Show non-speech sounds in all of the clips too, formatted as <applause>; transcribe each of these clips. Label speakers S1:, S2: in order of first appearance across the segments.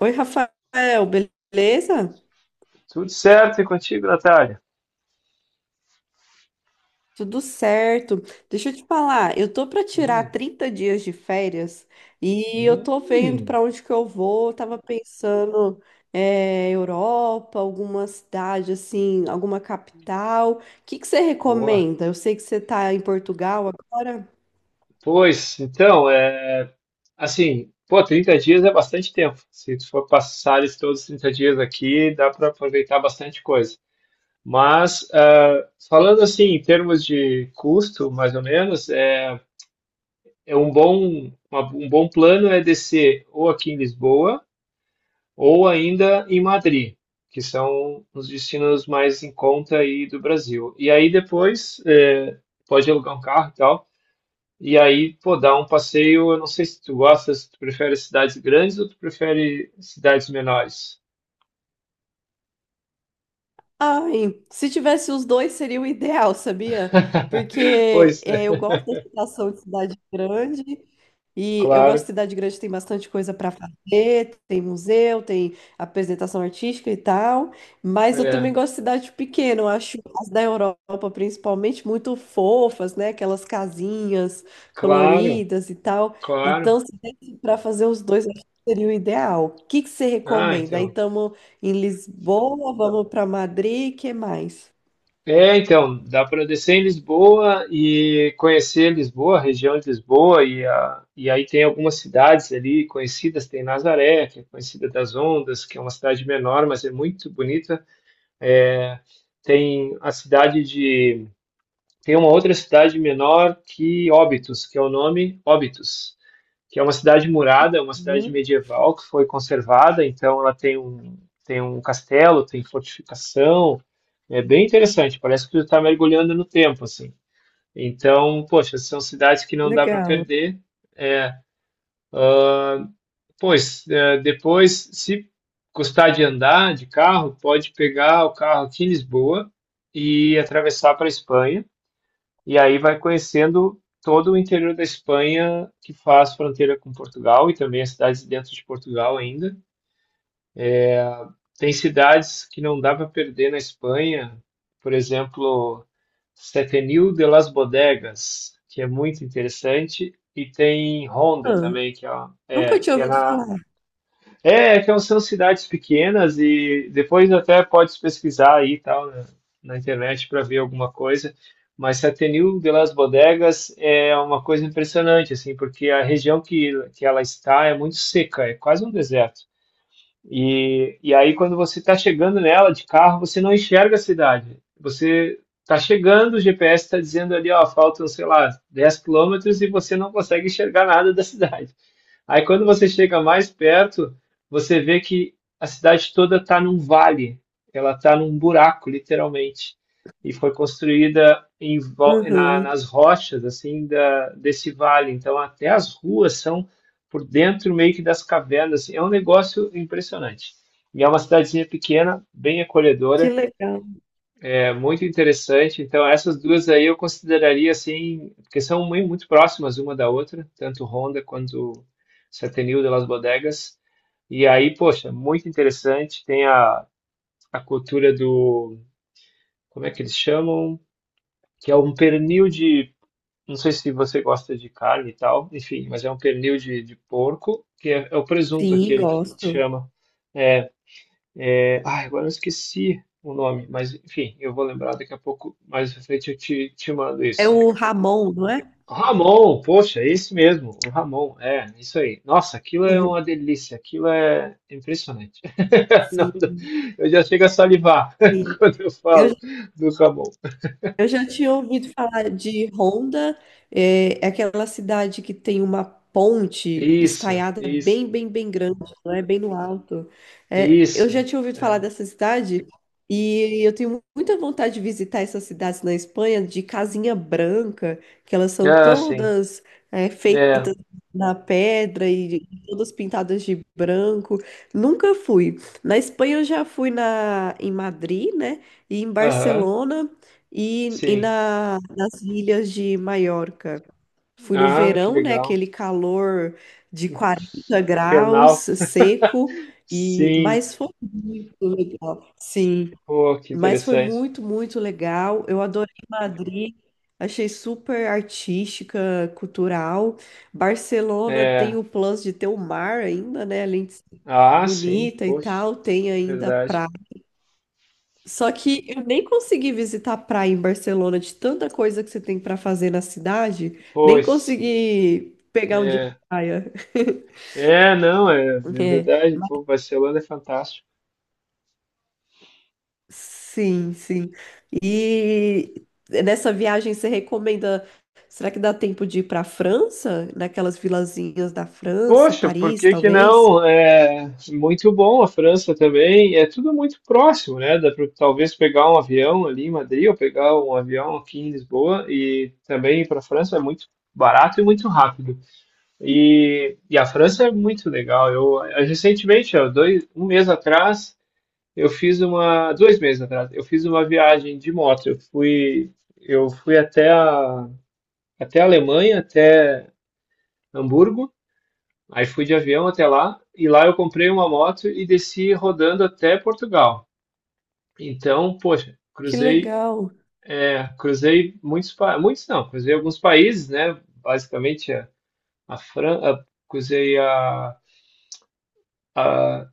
S1: Oi, Rafael, beleza?
S2: Tudo certo e contigo, Natália?
S1: Tudo certo. Deixa eu te falar, eu tô para tirar
S2: Hum,
S1: 30 dias de férias e eu tô vendo
S2: hum,
S1: para onde que eu vou. Eu tava pensando é, Europa, alguma cidade assim, alguma capital. O que que você
S2: boa.
S1: recomenda? Eu sei que você tá em Portugal agora.
S2: Pois, então, assim, pô, 30 dias é bastante tempo. Se tu for passar esses todos os 30 dias aqui, dá para aproveitar bastante coisa. Mas, falando assim, em termos de custo, mais ou menos, é um bom, um bom plano é descer ou aqui em Lisboa, ou ainda em Madrid, que são os destinos mais em conta aí do Brasil. E aí depois pode alugar um carro e tal, e aí pô, dar um passeio. Eu não sei se tu gosta, se tu prefere cidades grandes ou tu prefere cidades menores.
S1: Ai, se tivesse os dois seria o ideal, sabia?
S2: <laughs>
S1: Porque
S2: Pois
S1: é, eu gosto da situação de cidade grande e eu gosto de
S2: claro,
S1: cidade grande, tem bastante coisa para fazer, tem museu, tem apresentação artística e tal, mas eu também
S2: é,
S1: gosto de cidade pequena, eu acho as da Europa principalmente muito fofas, né? Aquelas casinhas
S2: claro,
S1: coloridas e tal.
S2: claro.
S1: Então, se desse para fazer os dois, eu acho que seria o ideal. O que que você
S2: Ah,
S1: recomenda? Aí
S2: então.
S1: estamos em Lisboa, vamos para Madrid, que mais?
S2: É, então, dá para descer em Lisboa e conhecer Lisboa, a região de Lisboa, e aí tem algumas cidades ali conhecidas, tem Nazaré, que é conhecida das ondas, que é uma cidade menor, mas é muito bonita. Tem a cidade de, Tem uma outra cidade menor que Óbitos, que é o nome Óbitos, que é uma cidade murada, é uma cidade
S1: Uhum.
S2: medieval que foi conservada, então ela tem um castelo, tem fortificação, é bem interessante, parece que tu está mergulhando no tempo, assim. Então, poxa, são cidades que não dá para
S1: Legal.
S2: perder. É, pois, é, depois, se custar de andar de carro, pode pegar o carro aqui em Lisboa e atravessar para a Espanha. E aí vai conhecendo todo o interior da Espanha que faz fronteira com Portugal e também as cidades dentro de Portugal ainda. Tem cidades que não dá para perder na Espanha, por exemplo, Setenil de las Bodegas, que é muito interessante, e tem Ronda
S1: Ah,
S2: também, que é, é,
S1: nunca tinha
S2: que é
S1: ouvido
S2: na
S1: falar.
S2: é, que é um,, são cidades pequenas e depois até pode pesquisar aí e tal na internet para ver alguma coisa. Mas Setenil de las Bodegas é uma coisa impressionante assim, porque a região que ela está é muito seca, é quase um deserto. E aí, quando você está chegando nela de carro, você não enxerga a cidade. Você está chegando, o GPS está dizendo ali, ó, faltam, sei lá, 10 km e você não consegue enxergar nada da cidade. Aí quando você chega mais perto, você vê que a cidade toda está num vale, ela está num buraco, literalmente. E foi construída
S1: Uhum.
S2: nas rochas assim desse vale. Então até as ruas são por dentro meio que das cavernas. É um negócio impressionante. E é uma cidadezinha pequena, bem
S1: Que
S2: acolhedora.
S1: legal.
S2: É muito interessante. Então, essas duas aí eu consideraria assim, porque são muito próximas uma da outra, tanto Honda quanto Setenil de Las Bodegas. E aí, poxa, muito interessante. A cultura do, como é que eles chamam? Que é um pernil de, Não sei se você gosta de carne e tal, enfim, mas é um pernil de porco, que é o presunto
S1: Sim,
S2: aquele que
S1: gosto.
S2: chama. É, ai, agora eu esqueci o nome, mas enfim, eu vou lembrar daqui a pouco, mais pra frente eu te mando
S1: É
S2: isso.
S1: o Ramon, não é?
S2: Ramon, poxa, é esse mesmo, o Ramon, é, isso aí. Nossa, aquilo é uma
S1: Uhum.
S2: delícia, aquilo é impressionante. <laughs> Não
S1: Sim.
S2: eu já chego a salivar <laughs> quando eu
S1: Eu
S2: falo do Ramon.
S1: Eu já tinha ouvido falar de Honda, é aquela cidade que tem uma ponte
S2: Isso,
S1: estaiada
S2: isso,
S1: bem, bem, bem grande, né? Bem no alto. É, eu já
S2: isso.
S1: tinha ouvido falar
S2: É.
S1: dessa cidade e eu tenho muita vontade de visitar essas cidades na Espanha de casinha branca, que elas são
S2: Ah, sim,
S1: todas é,
S2: é,
S1: feitas na pedra e todas pintadas de branco. Nunca fui. Na Espanha eu já fui em Madrid, né? E em
S2: aham,
S1: Barcelona. E
S2: sim.
S1: nas ilhas de Maiorca. Fui no
S2: Ah, que
S1: verão, né?
S2: legal.
S1: Aquele calor de 40 graus,
S2: Fernal,
S1: seco, e
S2: sim,
S1: mas foi muito legal. Sim,
S2: pô, que
S1: mas foi
S2: interessante.
S1: muito, muito legal. Eu adorei Madrid, achei super artística, cultural. Barcelona tem
S2: É,
S1: o plus de ter o mar ainda, né? Além de ser
S2: ah, sim,
S1: bonita e
S2: poxa,
S1: tal, tem ainda
S2: verdade.
S1: praia. Só que eu nem consegui visitar a praia em Barcelona de tanta coisa que você tem para fazer na cidade, nem
S2: Pois.
S1: consegui pegar um dia de
S2: É.
S1: praia. <laughs>
S2: É, não, é, é
S1: É,
S2: verdade, pô,
S1: mas-
S2: Barcelona é fantástico.
S1: sim, sim. E nessa viagem você recomenda, será que dá tempo de ir para a França? Naquelas vilazinhas da França,
S2: Poxa, por
S1: Paris,
S2: que que
S1: talvez?
S2: não? É muito bom a França também, é tudo muito próximo, né? Dá para talvez pegar um avião ali em Madrid ou pegar um avião aqui em Lisboa e também ir para a França é muito barato e muito rápido. E a França é muito legal. Eu recentemente, ó, um mês atrás, eu fiz dois meses atrás, eu fiz uma viagem de moto. Eu fui até a Alemanha, até Hamburgo. Aí fui de avião até lá e lá eu comprei uma moto e desci rodando até Portugal. Então, poxa,
S1: Que legal,
S2: cruzei muitos, muitos não, cruzei alguns países, né? Basicamente a França, cruzei a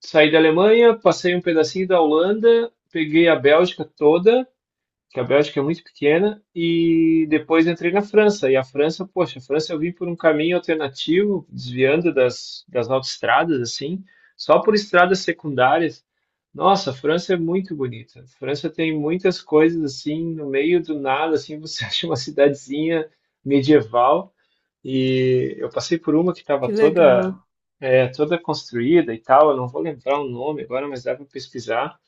S2: saí da Alemanha, passei um pedacinho da Holanda, peguei a Bélgica toda que a Bélgica é muito pequena, e depois entrei na França. E a França, poxa, a França eu vim por um caminho alternativo, desviando das autoestradas, assim, só por estradas secundárias. Nossa, a França é muito bonita. A França tem muitas coisas assim, no meio do nada, assim, você <laughs> acha uma cidadezinha medieval. E eu passei por uma que estava
S1: que legal.
S2: toda construída e tal. Eu não vou lembrar o nome agora, mas dá para pesquisar.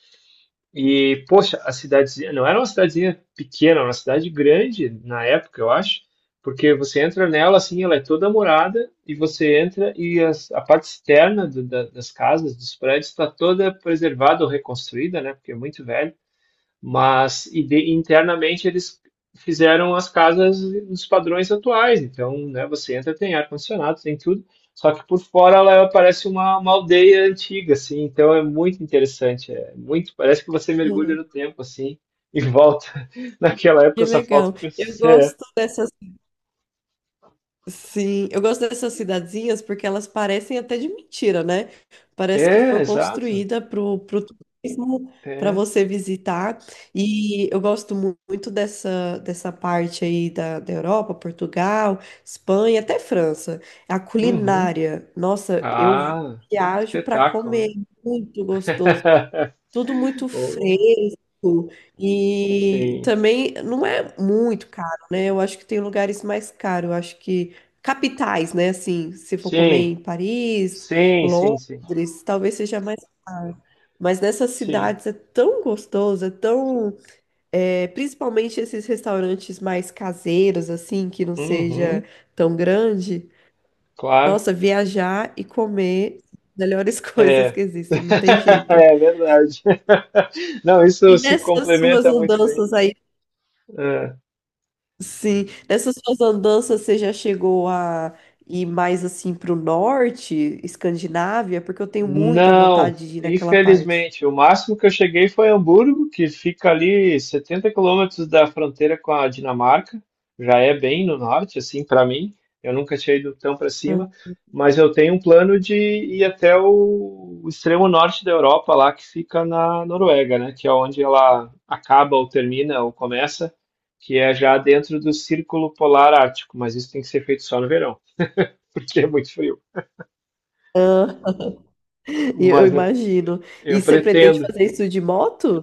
S2: E, poxa, a cidadezinha não era uma cidadezinha pequena, era uma cidade grande na época, eu acho, porque você entra nela assim, ela é toda morada, e você entra e a parte externa das casas, dos prédios, está toda preservada ou reconstruída, né? Porque é muito velho. Mas internamente eles fizeram as casas nos padrões atuais. Então, né, você entra, tem ar-condicionado, tem tudo. Só que por fora ela parece uma aldeia antiga, assim. Então é muito interessante. É muito, parece que você mergulha
S1: Uhum.
S2: no tempo, assim, e volta. <laughs> Naquela época
S1: Que
S2: só falta
S1: legal. Eu
S2: você. É,
S1: gosto dessas Sim, eu gosto dessas cidadezinhas porque elas parecem até de mentira, né? Parece que
S2: É,
S1: foi
S2: exato.
S1: construída pro turismo, para
S2: É.
S1: você visitar. E eu gosto muito dessa parte aí da Europa, Portugal, Espanha, até França. A
S2: Uhum.
S1: culinária, nossa, eu
S2: Ah,
S1: viajo para
S2: espetáculo,
S1: comer,
S2: né?
S1: é muito gostoso.
S2: <laughs>
S1: Tudo muito
S2: Oh,
S1: fresco e
S2: sim.
S1: também não é muito caro, né? Eu acho que tem lugares mais caros, eu acho que capitais, né? Assim, se for comer
S2: Sim,
S1: em Paris,
S2: sim, sim, sim.
S1: Londres, talvez seja mais caro. Mas nessas
S2: Sim.
S1: cidades é tão gostoso, é tão, é, principalmente esses restaurantes mais caseiros, assim, que não seja
S2: Uhum,
S1: tão grande.
S2: claro,
S1: Nossa, viajar e comer, melhores <laughs> coisas que
S2: é.
S1: existem, não tem
S2: <laughs>
S1: jeito.
S2: É verdade. <laughs> Não,
S1: E
S2: isso se
S1: nessas suas
S2: complementa muito bem.
S1: andanças aí, sim, nessas suas andanças você já chegou a ir mais assim pro norte, Escandinávia, porque eu tenho muita
S2: Não,
S1: vontade de ir naquela parte.
S2: infelizmente. O máximo que eu cheguei foi Hamburgo, que fica ali 70 km da fronteira com a Dinamarca. Já é bem no norte, assim, para mim. Eu nunca tinha ido tão para cima, mas eu tenho um plano de ir até o extremo norte da Europa, lá que fica na Noruega, né? Que é onde ela acaba ou termina ou começa, que é já dentro do Círculo Polar Ártico. Mas isso tem que ser feito só no verão, <laughs> porque é muito frio.
S1: Ah, <laughs> e eu
S2: Mas
S1: imagino. E
S2: eu
S1: você pretende
S2: pretendo.
S1: fazer isso de moto?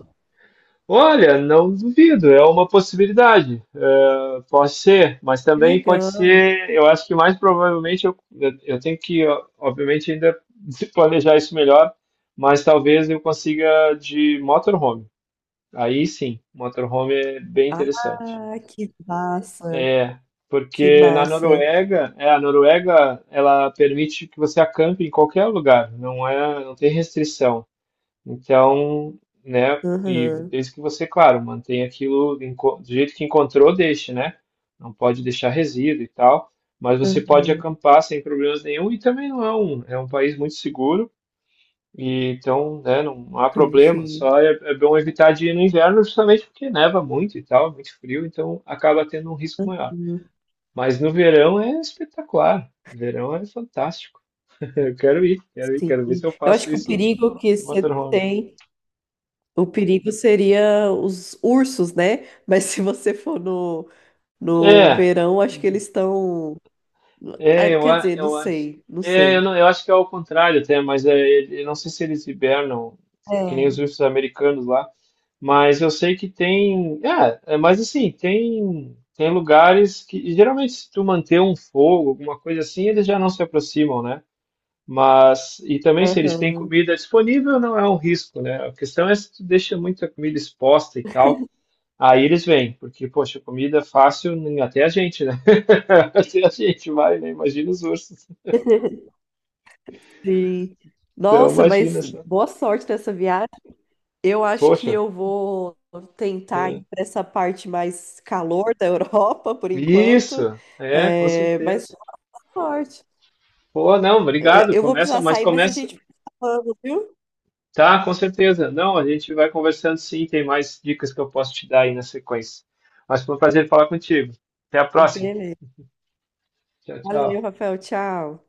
S2: Olha, não duvido, é uma possibilidade. É, pode ser, mas
S1: Que
S2: também pode
S1: legal.
S2: ser. Eu acho que mais provavelmente eu tenho que, ó, obviamente, ainda <laughs> planejar isso melhor, mas talvez eu consiga de motorhome. Aí sim, motorhome é bem
S1: Ah,
S2: interessante.
S1: que massa,
S2: É,
S1: que
S2: porque na
S1: massa.
S2: Noruega, é, a Noruega, ela permite que você acampe em qualquer lugar, não é, não tem restrição. Então, né? E
S1: Aham,
S2: desde que você, claro, mantenha aquilo do jeito que encontrou, deixe, né? Não pode deixar resíduo e tal. Mas você pode
S1: aham.
S2: acampar sem problemas nenhum e também não é um, é um país muito seguro. E então, né, não há problema. Só É é bom evitar de ir no inverno justamente porque neva muito e tal, é muito frio, então acaba tendo um risco maior.
S1: Sim,
S2: Mas no verão é espetacular. O verão é fantástico. <laughs> Eu quero ir, quero ir,
S1: sim.
S2: quero ver se eu
S1: Eu
S2: faço
S1: acho que o
S2: isso
S1: perigo que
S2: no
S1: você
S2: motorhome.
S1: tem. O perigo seria os ursos, né? Mas se você for no
S2: É.
S1: verão, acho que eles estão. Ah, quer dizer, não
S2: Eu acho.
S1: sei, não
S2: É, eu,
S1: sei.
S2: não, Eu acho que é ao contrário até, mas eu não sei se eles hibernam, que nem os
S1: É.
S2: ursos americanos lá, mas eu sei que tem. Mas assim, tem lugares que geralmente se tu manter um fogo, alguma coisa assim, eles já não se aproximam, né? Mas, e também se eles têm
S1: Aham.
S2: comida disponível, não é um risco, né? A questão é se tu deixa muita comida exposta e tal, aí eles vêm, porque, poxa, comida fácil, até a gente, né? <laughs> Até a gente vai, né? Imagina os ursos.
S1: <laughs> Sim.
S2: Então,
S1: Nossa, mas
S2: imagina só.
S1: boa sorte nessa viagem. Eu acho que
S2: Poxa,
S1: eu vou tentar ir
S2: é.
S1: para essa parte mais calor da <laughs> Europa por enquanto.
S2: Isso, é, com
S1: É, mas
S2: certeza.
S1: boa sorte.
S2: Pô, não,
S1: É,
S2: obrigado.
S1: eu vou
S2: Começa,
S1: precisar
S2: mas
S1: sair, mas a
S2: começa.
S1: gente vai falando, viu?
S2: Tá, com certeza. Não, a gente vai conversando sim, tem mais dicas que eu posso te dar aí na sequência. Mas foi um prazer falar contigo. Até a próxima.
S1: Beleza.
S2: Tchau,
S1: Valeu,
S2: tchau.
S1: Rafael. Tchau.